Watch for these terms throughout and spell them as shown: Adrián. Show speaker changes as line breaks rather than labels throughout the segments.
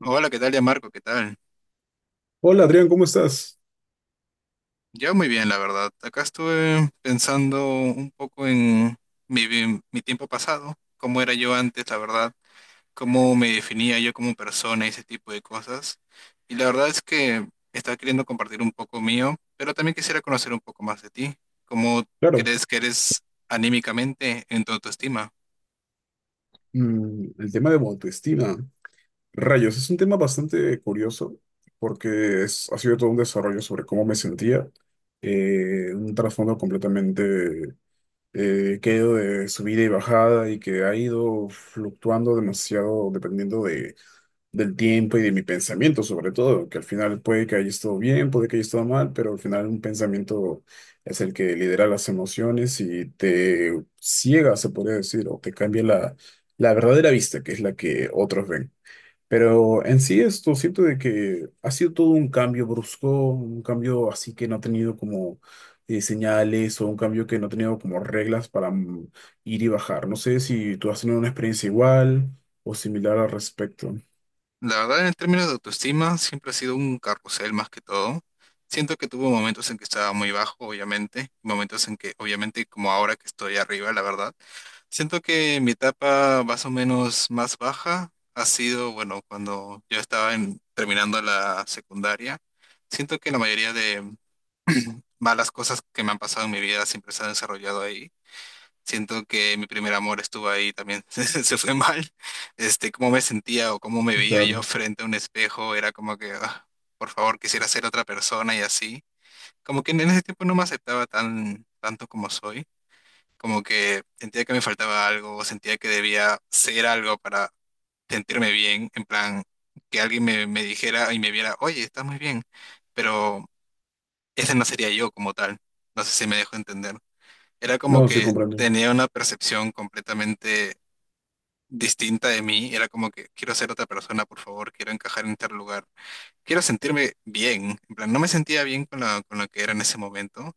Hola, ¿qué tal, ya Marco? ¿Qué tal?
Hola Adrián, ¿cómo estás?
Yo muy bien, la verdad. Acá estuve pensando un poco en mi tiempo pasado, cómo era yo antes, la verdad, cómo me definía yo como persona y ese tipo de cosas. Y la verdad es que estaba queriendo compartir un poco mío, pero también quisiera conocer un poco más de ti. ¿Cómo
Claro.
crees que eres anímicamente en tu autoestima?
El tema de autoestima, rayos, es un tema bastante curioso porque ha sido todo un desarrollo sobre cómo me sentía, un trasfondo completamente que ha ido de subida y bajada y que ha ido fluctuando demasiado dependiendo del tiempo y de mi pensamiento, sobre todo, que al final puede que haya estado bien, puede que haya estado mal, pero al final un pensamiento es el que lidera las emociones y te ciega, se podría decir, o te cambia la verdadera vista, que es la que otros ven. Pero en sí esto siento de que ha sido todo un cambio brusco, un cambio así que no ha tenido como señales o un cambio que no ha tenido como reglas para ir y bajar. ¿No sé si tú has tenido una experiencia igual o similar al respecto?
La verdad, en términos de autoestima, siempre ha sido un carrusel más que todo. Siento que tuvo momentos en que estaba muy bajo, obviamente, momentos en que, obviamente, como ahora que estoy arriba, la verdad. Siento que mi etapa más o menos más baja ha sido, bueno, cuando yo terminando la secundaria. Siento que la mayoría de malas cosas que me han pasado en mi vida siempre se han desarrollado ahí. Siento que mi primer amor estuvo ahí también, se fue mal. Este, cómo me sentía o cómo me veía
Claro.
yo frente a un espejo, era como que, "Ah, por favor, quisiera ser otra persona y así". Como que en ese tiempo no me aceptaba tanto como soy, como que sentía que me faltaba algo, o sentía que debía ser algo para sentirme bien, en plan, que me dijera y me viera, oye, estás muy bien, pero ese no sería yo como tal. No sé si me dejo entender. Era como
No, sí
que
comprendo.
tenía una percepción completamente distinta de mí, era como que quiero ser otra persona, por favor, quiero encajar en tal lugar, quiero sentirme bien, en plan, no me sentía bien con con lo que era en ese momento,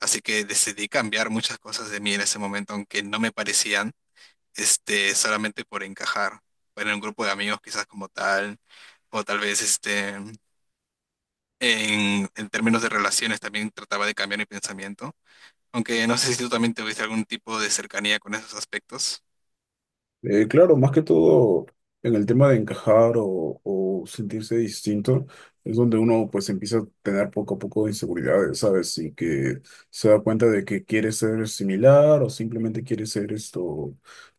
así que decidí cambiar muchas cosas de mí en ese momento, aunque no me parecían, este, solamente por encajar, en un grupo de amigos quizás como tal, o tal vez, este, en términos de relaciones también trataba de cambiar mi pensamiento, aunque no sé si tú también tuviste algún tipo de cercanía con esos aspectos.
Claro, más que todo en el tema de encajar o sentirse distinto, es donde uno pues empieza a tener poco a poco inseguridades, ¿sabes? Y que se da cuenta de que quiere ser similar o simplemente quiere ser esto,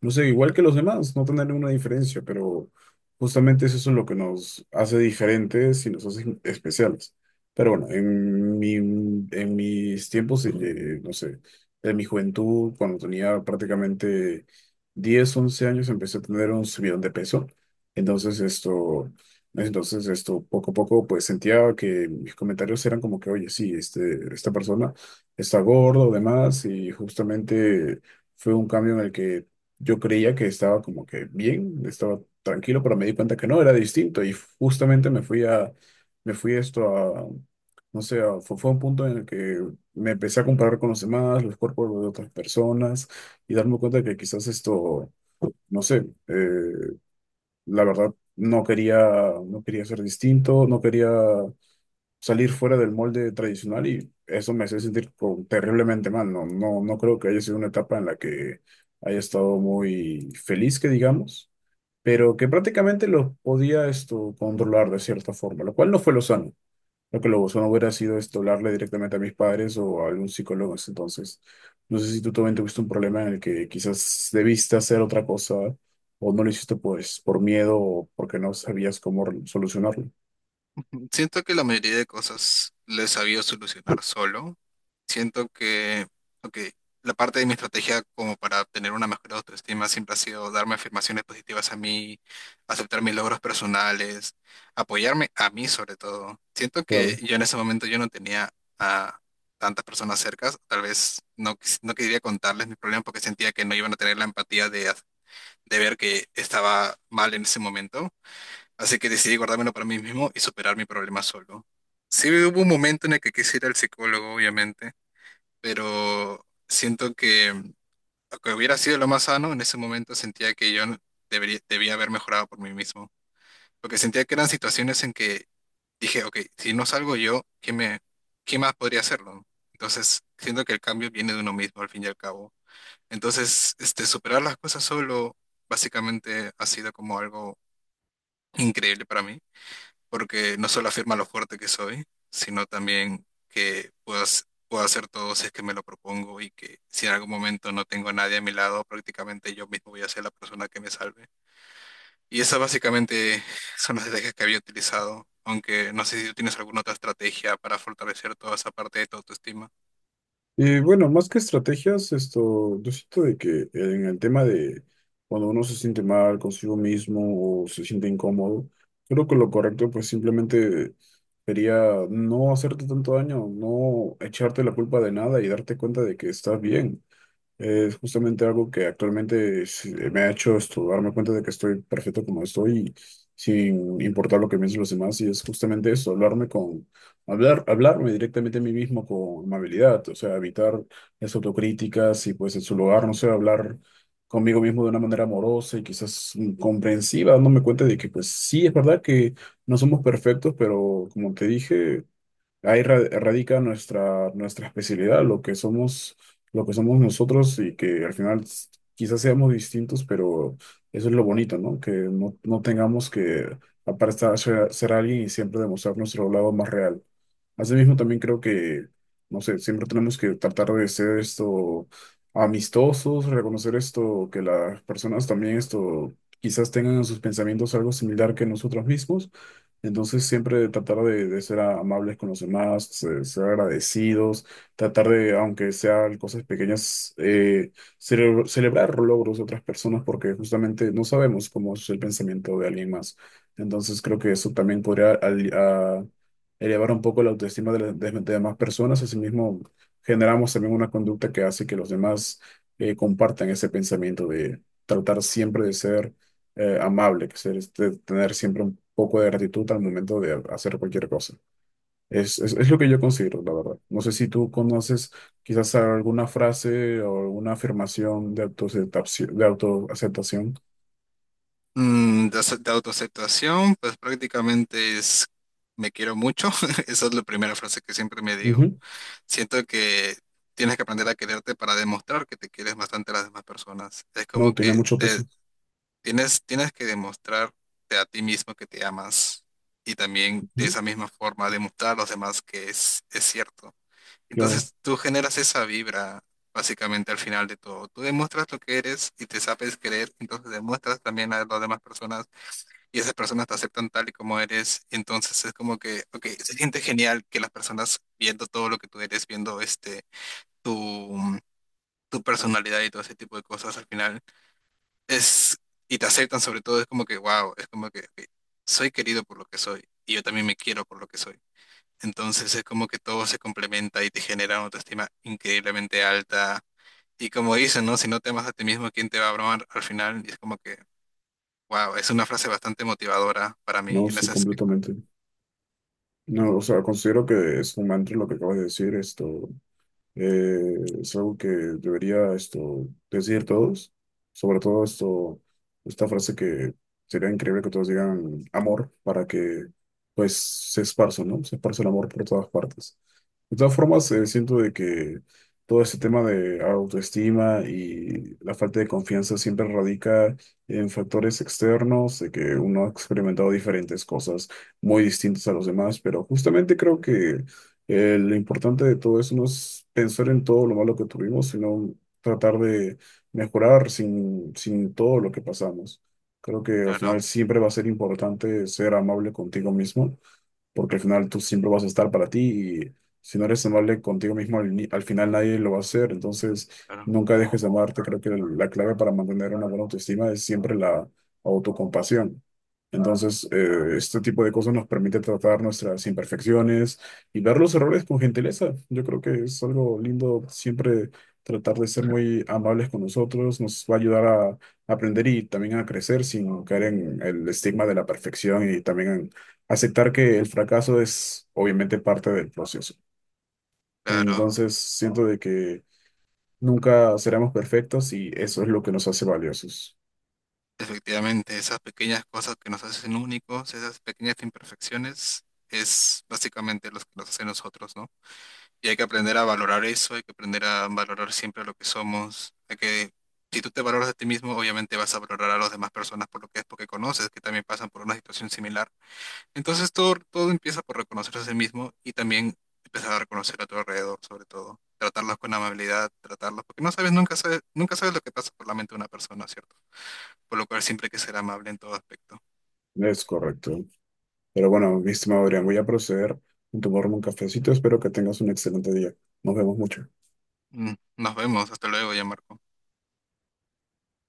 no sé, igual que los demás, no tener una diferencia, pero justamente eso es lo que nos hace diferentes y nos hace especiales. Pero bueno, en mis tiempos, no sé, en mi juventud, cuando tenía prácticamente 10 u 11 años empecé a tener un subidón de peso. Entonces esto, entonces esto poco a poco pues sentía que mis comentarios eran como que, oye, sí, este, esta persona está gordo o demás y justamente fue un cambio en el que yo creía que estaba como que bien, estaba tranquilo, pero me di cuenta que no, era distinto y justamente me fui a, me fui esto a, no sé, fue un punto en el que me empecé a comparar con los demás, los cuerpos de otras personas y darme cuenta de que quizás esto, no sé, la verdad no quería, no quería ser distinto, no quería salir fuera del molde tradicional y eso me hacía sentir como terriblemente mal. No creo que haya sido una etapa en la que haya estado muy feliz, que digamos, pero que prácticamente lo podía esto controlar de cierta forma, lo cual no fue lo sano. Lo que lo no hubiera sido esto, hablarle directamente a mis padres o a algún psicólogo. Entonces, no sé si tú también tuviste un problema en el que quizás debiste hacer otra cosa o no lo hiciste pues por miedo o porque no sabías cómo solucionarlo.
Siento que la mayoría de cosas le he sabido solucionar solo. Siento que, ok, la parte de mi estrategia como para tener una mejor autoestima siempre ha sido darme afirmaciones positivas a mí, aceptar mis logros personales, apoyarme a mí sobre todo. Siento que
Claro.
yo en ese momento yo no tenía a tantas personas cercas, tal vez no, no quería contarles mis problemas porque sentía que no iban a tener la empatía de ver que estaba mal en ese momento, así que decidí guardármelo para mí mismo y superar mi problema solo. Sí hubo un momento en el que quise ir al psicólogo, obviamente, pero siento que, aunque hubiera sido lo más sano, en ese momento sentía que yo no debía haber mejorado por mí mismo, porque sentía que eran situaciones en que dije, ok, si no salgo yo, ¿quién más podría hacerlo? Entonces, siento que el cambio viene de uno mismo, al fin y al cabo. Entonces, este, superar las cosas solo, básicamente, ha sido como algo increíble para mí porque no solo afirma lo fuerte que soy, sino también que puedo hacer todo si es que me lo propongo, y que si en algún momento no tengo a nadie a mi lado, prácticamente yo mismo voy a ser la persona que me salve. Y esas básicamente son las estrategias que había utilizado, aunque no sé si tú tienes alguna otra estrategia para fortalecer toda esa parte de tu autoestima.
Y bueno, más que estrategias, esto, yo siento de que en el tema de cuando uno se siente mal consigo mismo o se siente incómodo, creo que lo correcto pues simplemente sería no hacerte tanto daño, no echarte la culpa de nada y darte cuenta de que estás bien. Es justamente algo que actualmente me ha hecho darme cuenta de que estoy perfecto como estoy, sin importar lo que piensen los demás, y es justamente eso, hablarme directamente a mí mismo con amabilidad, o sea, evitar las autocríticas y pues en su lugar, no sé, hablar conmigo mismo de una manera amorosa y quizás comprensiva, dándome cuenta de que pues sí, es verdad que no somos perfectos, pero como te dije ahí radica nuestra especialidad, lo que somos nosotros y que al final quizás seamos distintos, pero eso es lo bonito, ¿no? Que no tengamos que aparentar ser alguien y siempre demostrar nuestro lado más real. Asimismo, también creo que, no sé, siempre tenemos que tratar de ser esto amistosos, reconocer esto, que las personas también esto quizás tengan en sus pensamientos algo similar que nosotros mismos. Entonces, siempre de ser amables con los demás, ser agradecidos, tratar de, aunque sean cosas pequeñas, celebrar logros de otras personas porque justamente no sabemos cómo es el pensamiento de alguien más. Entonces, creo que eso también podría aliviar elevar un poco la autoestima de las demás personas. Asimismo, generamos también una conducta que hace que los demás compartan ese pensamiento de tratar siempre de ser amable, que ser, este, tener siempre un poco de gratitud al momento de hacer cualquier cosa. Es lo que yo considero, la verdad. No sé si tú conoces quizás alguna frase o alguna afirmación de autoaceptación, de autoaceptación.
Mm, de autoaceptación, pues prácticamente es me quiero mucho, esa es la primera frase que siempre me digo.
Ujú.
Siento que tienes que aprender a quererte para demostrar que te quieres bastante a las demás personas. Es como
No, tiene
que
mucho
te
peso.
tienes que demostrarte a ti mismo que te amas y también de
Ujú.
esa misma forma demostrar a los demás que es cierto.
Claro,
Entonces tú generas esa vibra básicamente al final de todo. Tú demuestras lo que eres y te sabes querer, entonces demuestras también a las demás personas y esas personas te aceptan tal y como eres. Entonces es como que, ok, se siente genial que las personas viendo todo lo que tú eres, viendo este tu, tu personalidad y todo ese tipo de cosas al final es, y te aceptan sobre todo, es como que, wow, es como que ok, soy querido por lo que soy y yo también me quiero por lo que soy. Entonces es como que todo se complementa y te genera una autoestima increíblemente alta. Y como dicen, ¿no? Si no te amas a ti mismo, ¿quién te va a amar al final? Y es como que, wow, es una frase bastante motivadora para mí
no,
en
sí,
ese aspecto.
completamente. No, o sea, considero que es un mantra lo que acabas de decir, esto eh, es algo que debería esto decir todos, sobre todo esto, esta frase que sería increíble que todos digan amor para que pues se esparza, ¿no? Se esparza el amor por todas partes. De todas formas, siento de que todo este tema de autoestima y la falta de confianza siempre radica en factores externos, de que uno ha experimentado diferentes cosas muy distintas a los demás, pero justamente creo que lo importante de todo eso no es pensar en todo lo malo que tuvimos, sino tratar de mejorar sin todo lo que pasamos. Creo que al
Claro,
final siempre va a ser importante ser amable contigo mismo porque al final tú siempre vas a estar para ti y si no eres amable contigo mismo, al final nadie lo va a hacer. Entonces,
claro,
nunca dejes de amarte. Creo que la clave para mantener una buena autoestima es siempre la autocompasión. Entonces, este tipo de cosas nos permite tratar nuestras imperfecciones y ver los errores con gentileza. Yo creo que es algo lindo siempre tratar de ser muy amables con nosotros. Nos va a ayudar a aprender y también a crecer sin caer en el estigma de la perfección y también aceptar que el fracaso es obviamente parte del proceso.
claro.
Entonces, siento de que nunca seremos perfectos y eso es lo que nos hace valiosos.
Efectivamente, esas pequeñas cosas que nos hacen únicos, esas pequeñas imperfecciones, es básicamente lo que nos hace nosotros, ¿no? Y hay que aprender a valorar eso, hay que aprender a valorar siempre lo que somos. Hay que, si tú te valoras a ti mismo, obviamente vas a valorar a las demás personas por lo que es, porque conoces que también pasan por una situación similar. Entonces todo empieza por reconocerse a sí mismo y también empezar a reconocer a tu alrededor, sobre todo. Tratarlos con amabilidad, tratarlos, porque no sabes, nunca sabes lo que pasa por la mente de una persona, ¿cierto? Por lo cual siempre hay que ser amable en todo aspecto.
Es correcto. Pero bueno, mi estimado Adrián, voy a proceder a tomarme un cafecito. Espero que tengas un excelente día. Nos vemos mucho.
Mm. Nos vemos, hasta luego, ya Marco.